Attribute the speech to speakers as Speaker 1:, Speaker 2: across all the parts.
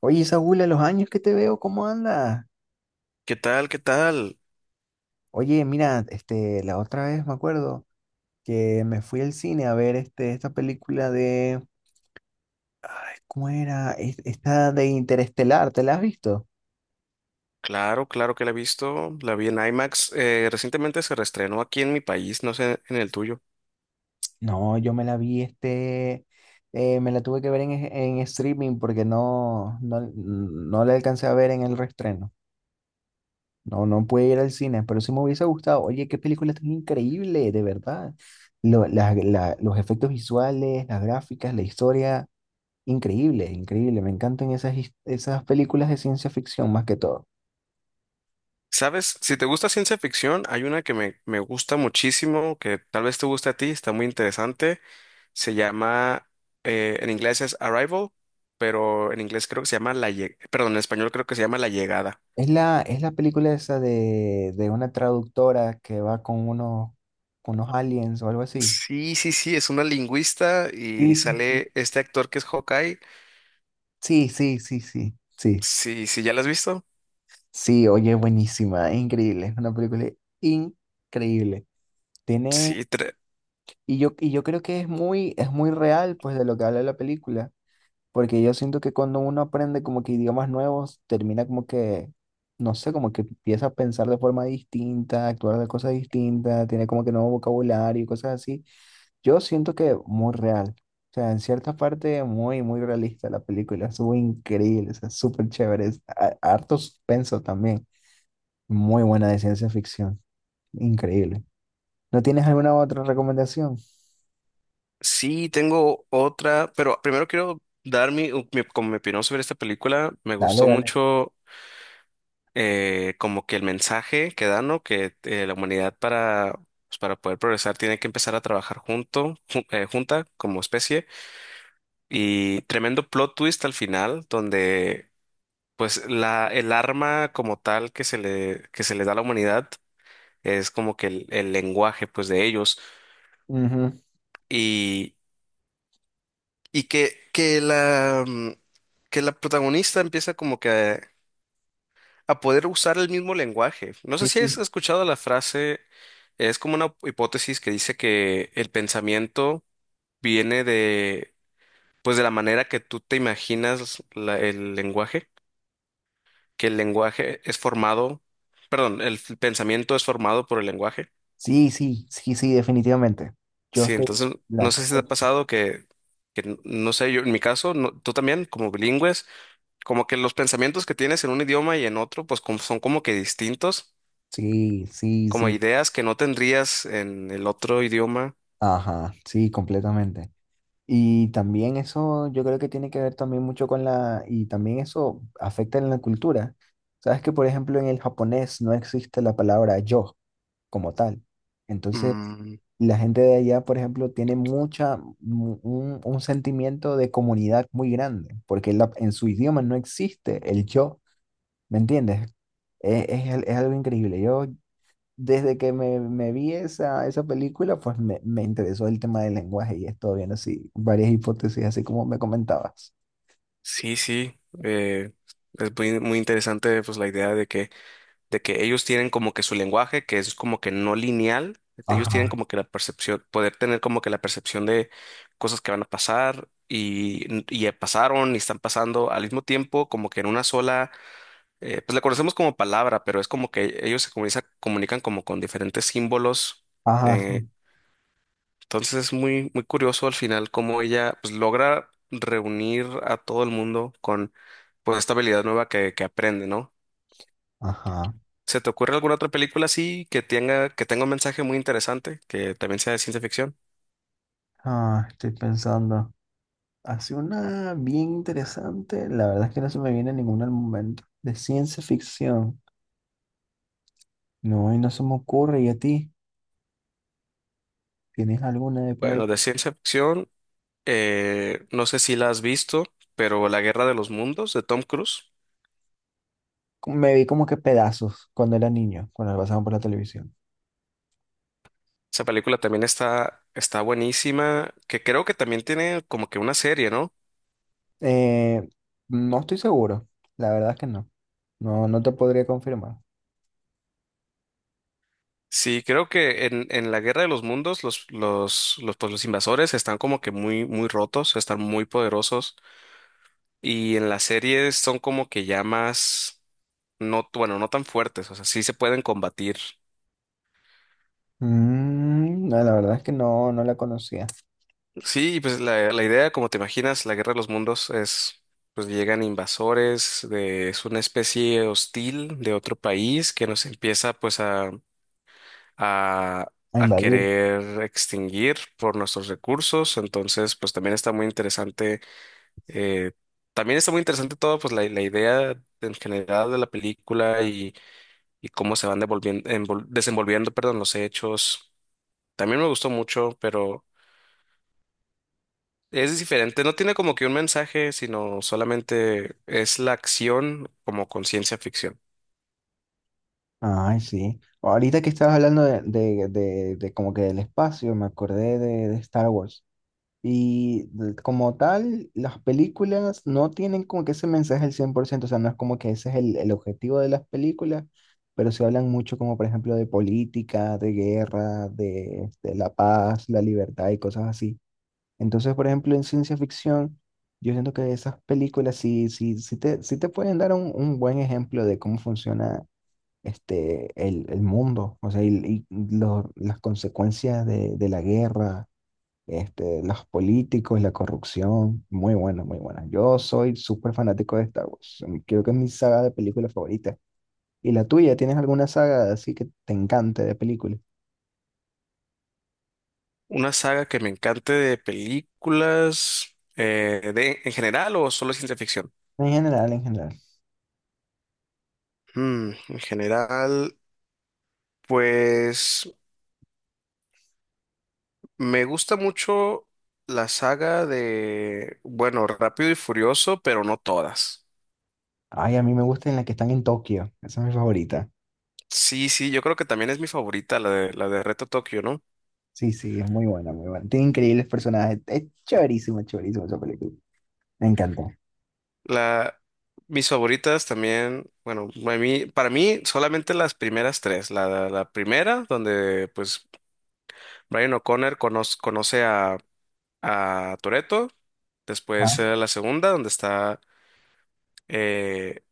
Speaker 1: Oye, Saúl, a los años que te veo, ¿cómo andas?
Speaker 2: ¿Qué tal? ¿Qué tal?
Speaker 1: Oye, mira, la otra vez me acuerdo que me fui al cine a ver esta película de, ay, ¿cómo era? Esta de Interestelar, ¿te la has visto?
Speaker 2: Claro, claro que la he visto. La vi en IMAX. Recientemente se reestrenó aquí en mi país, no sé en el tuyo.
Speaker 1: No, yo me la vi, me la tuve que ver en streaming porque no la alcancé a ver en el reestreno. No, no pude ir al cine, pero sí me hubiese gustado. Oye, qué película tan increíble, de verdad. Los efectos visuales, las gráficas, la historia. Increíble, increíble. Me encantan esas películas de ciencia ficción más que todo.
Speaker 2: ¿Sabes? Si te gusta ciencia ficción, hay una que me gusta muchísimo, que tal vez te guste a ti, está muy interesante. Se llama, en inglés es Arrival, pero en inglés creo que se llama La Llegada, perdón, en español creo que se llama La Llegada.
Speaker 1: Es la película esa de una traductora que va con unos aliens o algo así.
Speaker 2: Sí, sí, sí, es una lingüista y
Speaker 1: Sí, sí, sí.
Speaker 2: sale este actor que es Hawkeye.
Speaker 1: Sí, sí, sí, sí, sí.
Speaker 2: Sí, sí, ¿ya la has visto?
Speaker 1: Sí, oye, buenísima, increíble, es una película increíble. Tiene,
Speaker 2: Sí.
Speaker 1: y yo creo que es muy real, pues, de lo que habla la película. Porque yo siento que cuando uno aprende como que idiomas nuevos, termina como que, no sé, como que empieza a pensar de forma distinta, actuar de cosas distintas, tiene como que nuevo vocabulario y cosas así. Yo siento que muy real. O sea, en cierta parte muy, muy realista la película. Estuvo increíble, o sea, súper chévere. Harto suspenso también. Muy buena de ciencia ficción. Increíble. ¿No tienes alguna otra recomendación?
Speaker 2: Sí, tengo otra, pero primero quiero dar mi, u- mi- como mi opinión sobre esta película. Me
Speaker 1: Dale,
Speaker 2: gustó
Speaker 1: dale.
Speaker 2: mucho, como que el mensaje que da, ¿no? Que la humanidad para poder progresar tiene que empezar a trabajar junta como especie. Y tremendo plot twist al final, donde pues el arma como tal que se le da a la humanidad es como que el lenguaje pues de ellos.
Speaker 1: Ujú.
Speaker 2: Y que la protagonista empieza como que a poder usar el mismo lenguaje. No sé
Speaker 1: Sí,
Speaker 2: si
Speaker 1: sí.
Speaker 2: has escuchado la frase, es como una hipótesis que dice que el pensamiento viene de, pues de la manera que tú te imaginas el lenguaje, que el lenguaje es formado, perdón, el pensamiento es formado por el lenguaje.
Speaker 1: Sí, sí, sí, sí, definitivamente. Yo
Speaker 2: Sí,
Speaker 1: estoy
Speaker 2: entonces no
Speaker 1: la
Speaker 2: sé si te ha
Speaker 1: creo.
Speaker 2: pasado que no sé, yo en mi caso, tú también, como bilingües. Como que los pensamientos que tienes en un idioma y en otro, pues son como que distintos,
Speaker 1: Sí, sí,
Speaker 2: como
Speaker 1: sí.
Speaker 2: ideas que no tendrías en el otro idioma.
Speaker 1: Ajá, sí, completamente. Y también eso, yo creo que tiene que ver también mucho y también eso afecta en la cultura. Sabes que, por ejemplo, en el japonés no existe la palabra yo como tal. Entonces,
Speaker 2: Mm.
Speaker 1: la gente de allá, por ejemplo, tiene un sentimiento de comunidad muy grande, porque en su idioma no existe el yo. ¿Me entiendes? Es algo increíble. Yo, desde que me vi esa película, pues me interesó el tema del lenguaje y he estado viendo así varias hipótesis, así como me comentabas.
Speaker 2: Sí, sí, es muy, muy interesante pues la idea de que ellos tienen como que su lenguaje, que es como que no lineal. Ellos tienen
Speaker 1: Ajá,
Speaker 2: como que la percepción, poder tener como que la percepción de cosas que van a pasar y ya pasaron y están pasando al mismo tiempo, como que en una sola pues la conocemos como palabra, pero es como que ellos se comunican como con diferentes símbolos.
Speaker 1: ajá,
Speaker 2: eh,
Speaker 1: sí,
Speaker 2: entonces es muy, muy curioso al final cómo ella pues, logra reunir a todo el mundo con pues esta habilidad nueva que aprende, ¿no?
Speaker 1: ajá.
Speaker 2: ¿Se te ocurre alguna otra película así que tenga, un mensaje muy interesante, que también sea de ciencia ficción?
Speaker 1: Ah, estoy pensando. Hace una bien interesante, la verdad es que no se me viene ninguna al momento, de ciencia ficción. No, y no se me ocurre. ¿Y a ti? ¿Tienes alguna de por ahí?
Speaker 2: Bueno, de ciencia ficción, no sé si la has visto, pero La Guerra de los Mundos de Tom Cruise.
Speaker 1: Me vi como que pedazos cuando era niño, cuando la pasaban por la televisión.
Speaker 2: Esa película también está buenísima, que creo que también tiene como que una serie, ¿no?
Speaker 1: Eh, no estoy seguro. La verdad es que no. No, no te podría confirmar.
Speaker 2: Sí, creo que en la Guerra de los Mundos los invasores están como que muy, muy rotos, están muy poderosos, y en las series son como que ya más, no, bueno, no tan fuertes, o sea, sí se pueden combatir.
Speaker 1: Mm, no, la verdad es que no, no la conocía.
Speaker 2: Sí, y pues la idea, como te imaginas, la Guerra de los Mundos es, pues llegan invasores, es una especie hostil de otro país que nos empieza pues a,
Speaker 1: A
Speaker 2: a
Speaker 1: invadir.
Speaker 2: querer extinguir por nuestros recursos. Entonces, pues también está muy interesante, eh, también está muy interesante todo, pues la idea en general de la película y cómo se van devolviendo, desenvolviendo, perdón, los hechos. También me gustó mucho, pero es diferente. No tiene como que un mensaje, sino solamente es la acción como con ciencia ficción.
Speaker 1: Ay, sí. Ahorita que estabas hablando de como que del espacio, me acordé de Star Wars. Como tal, las películas no tienen como que ese mensaje al cien por ciento. O sea, no es como que ese es el objetivo de las películas, pero se hablan mucho como por ejemplo de política, de guerra, de la paz, la libertad y cosas así. Entonces, por ejemplo, en ciencia ficción, yo siento que esas películas sí te pueden dar un buen ejemplo de cómo funciona el mundo, o sea, y las consecuencias de la guerra, este, los políticos, la corrupción, muy buena, muy buena. Yo soy súper fanático de Star Wars, creo que es mi saga de películas favorita. ¿Y la tuya? ¿Tienes alguna saga así que te encante de películas?
Speaker 2: Una saga que me encante de películas, en general o solo ciencia ficción.
Speaker 1: En general, en general.
Speaker 2: Mm, en general, pues me gusta mucho la saga de, bueno, Rápido y Furioso, pero no todas.
Speaker 1: Ay, a mí me gusta en la que están en Tokio, esa es mi favorita.
Speaker 2: Sí, sí, yo creo que también es mi favorita, la de Reto Tokio, ¿no?
Speaker 1: Sí, sí, es muy buena, muy buena. Tiene increíbles personajes. Es chéverísima, chéverísima esa película. Me encantó.
Speaker 2: La, Mis favoritas también, bueno, para mí solamente las primeras tres. La primera, donde pues Brian O'Connor conoce a Toretto. Después
Speaker 1: Ah.
Speaker 2: la segunda, donde está, eh,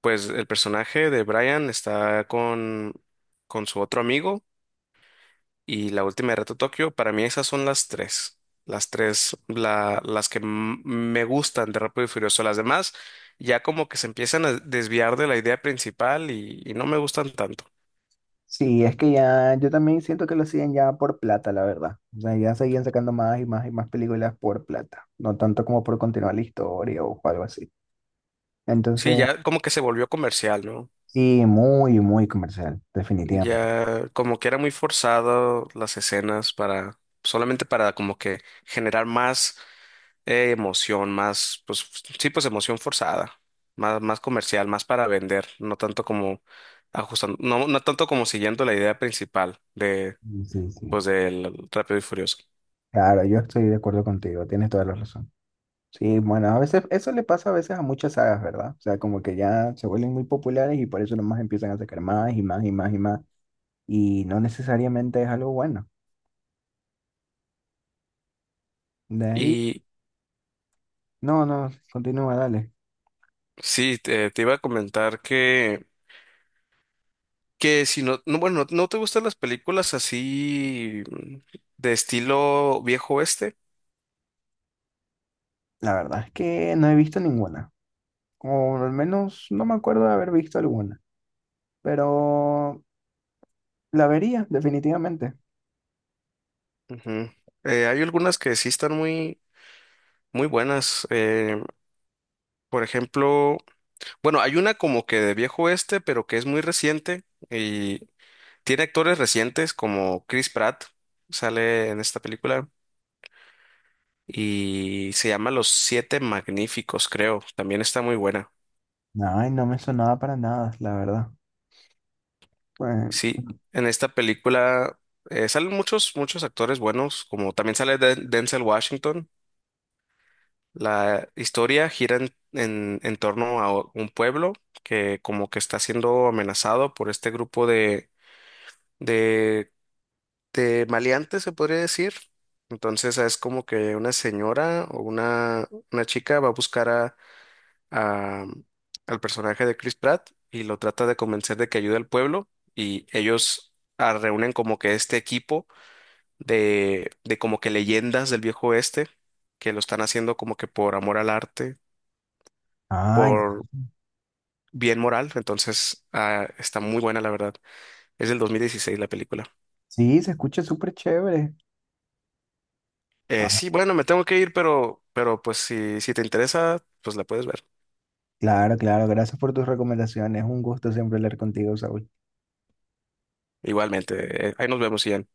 Speaker 2: pues el personaje de Brian está con su otro amigo y la última de Reto Tokio. Para mí esas son las tres. Las tres, las que me gustan de Rápido y Furioso. Las demás ya como que se empiezan a desviar de la idea principal y no me gustan tanto.
Speaker 1: Sí, es que ya, yo también siento que lo hacían ya por plata, la verdad. O sea, ya seguían sacando más y más y más películas por plata. No tanto como por continuar la historia o algo así. Entonces,
Speaker 2: Sí, ya como que se volvió comercial, ¿no?
Speaker 1: sí, muy, muy comercial, definitivamente.
Speaker 2: Ya como que era muy forzado las escenas para solamente para como que generar más emoción, más pues sí pues emoción forzada, más comercial, más para vender, no tanto como ajustando, no tanto como siguiendo la idea principal de
Speaker 1: Sí, sí, sí.
Speaker 2: pues del Rápido y Furioso.
Speaker 1: Claro, yo estoy de acuerdo contigo, tienes toda la razón. Sí, bueno, a veces eso le pasa a veces a muchas sagas, ¿verdad? O sea, como que ya se vuelven muy populares y por eso nomás empiezan a sacar más y más y más y más, y no necesariamente es algo bueno. De ahí,
Speaker 2: Y
Speaker 1: no, no, continúa, dale.
Speaker 2: sí, te iba a comentar que, si no, no, bueno, ¿no te gustan las películas así, de estilo viejo oeste?
Speaker 1: La verdad es que no he visto ninguna, o al menos no me acuerdo de haber visto alguna, pero la vería definitivamente.
Speaker 2: Ujú. Hay algunas que sí están muy, muy buenas. Por ejemplo, bueno, hay una como que de viejo oeste, pero que es muy reciente y tiene actores recientes como Chris Pratt, sale en esta película y se llama Los Siete Magníficos, creo. También está muy buena.
Speaker 1: Ay, no me sonaba para nada, la verdad. Pues,
Speaker 2: Sí, en esta película salen muchos, muchos actores buenos, como también sale Denzel Washington. La historia gira en torno a un pueblo que como que está siendo amenazado por este grupo de, de maleantes, se podría decir. Entonces es como que una señora o una chica va a buscar a- al personaje de Chris Pratt y lo trata de convencer de que ayude al pueblo y ellos reúnen como que este equipo de como que leyendas del viejo oeste, que lo están haciendo como que por amor al arte,
Speaker 1: ay,
Speaker 2: por bien moral. Entonces, está muy buena la verdad. Es del 2016 la película.
Speaker 1: sí, se escucha súper chévere. Ah,
Speaker 2: Sí, bueno, me tengo que ir, pero, pues si te interesa, pues la puedes ver.
Speaker 1: claro, claro, gracias por tus recomendaciones. Un gusto siempre hablar contigo, Saúl.
Speaker 2: Igualmente, ahí nos vemos, Ian.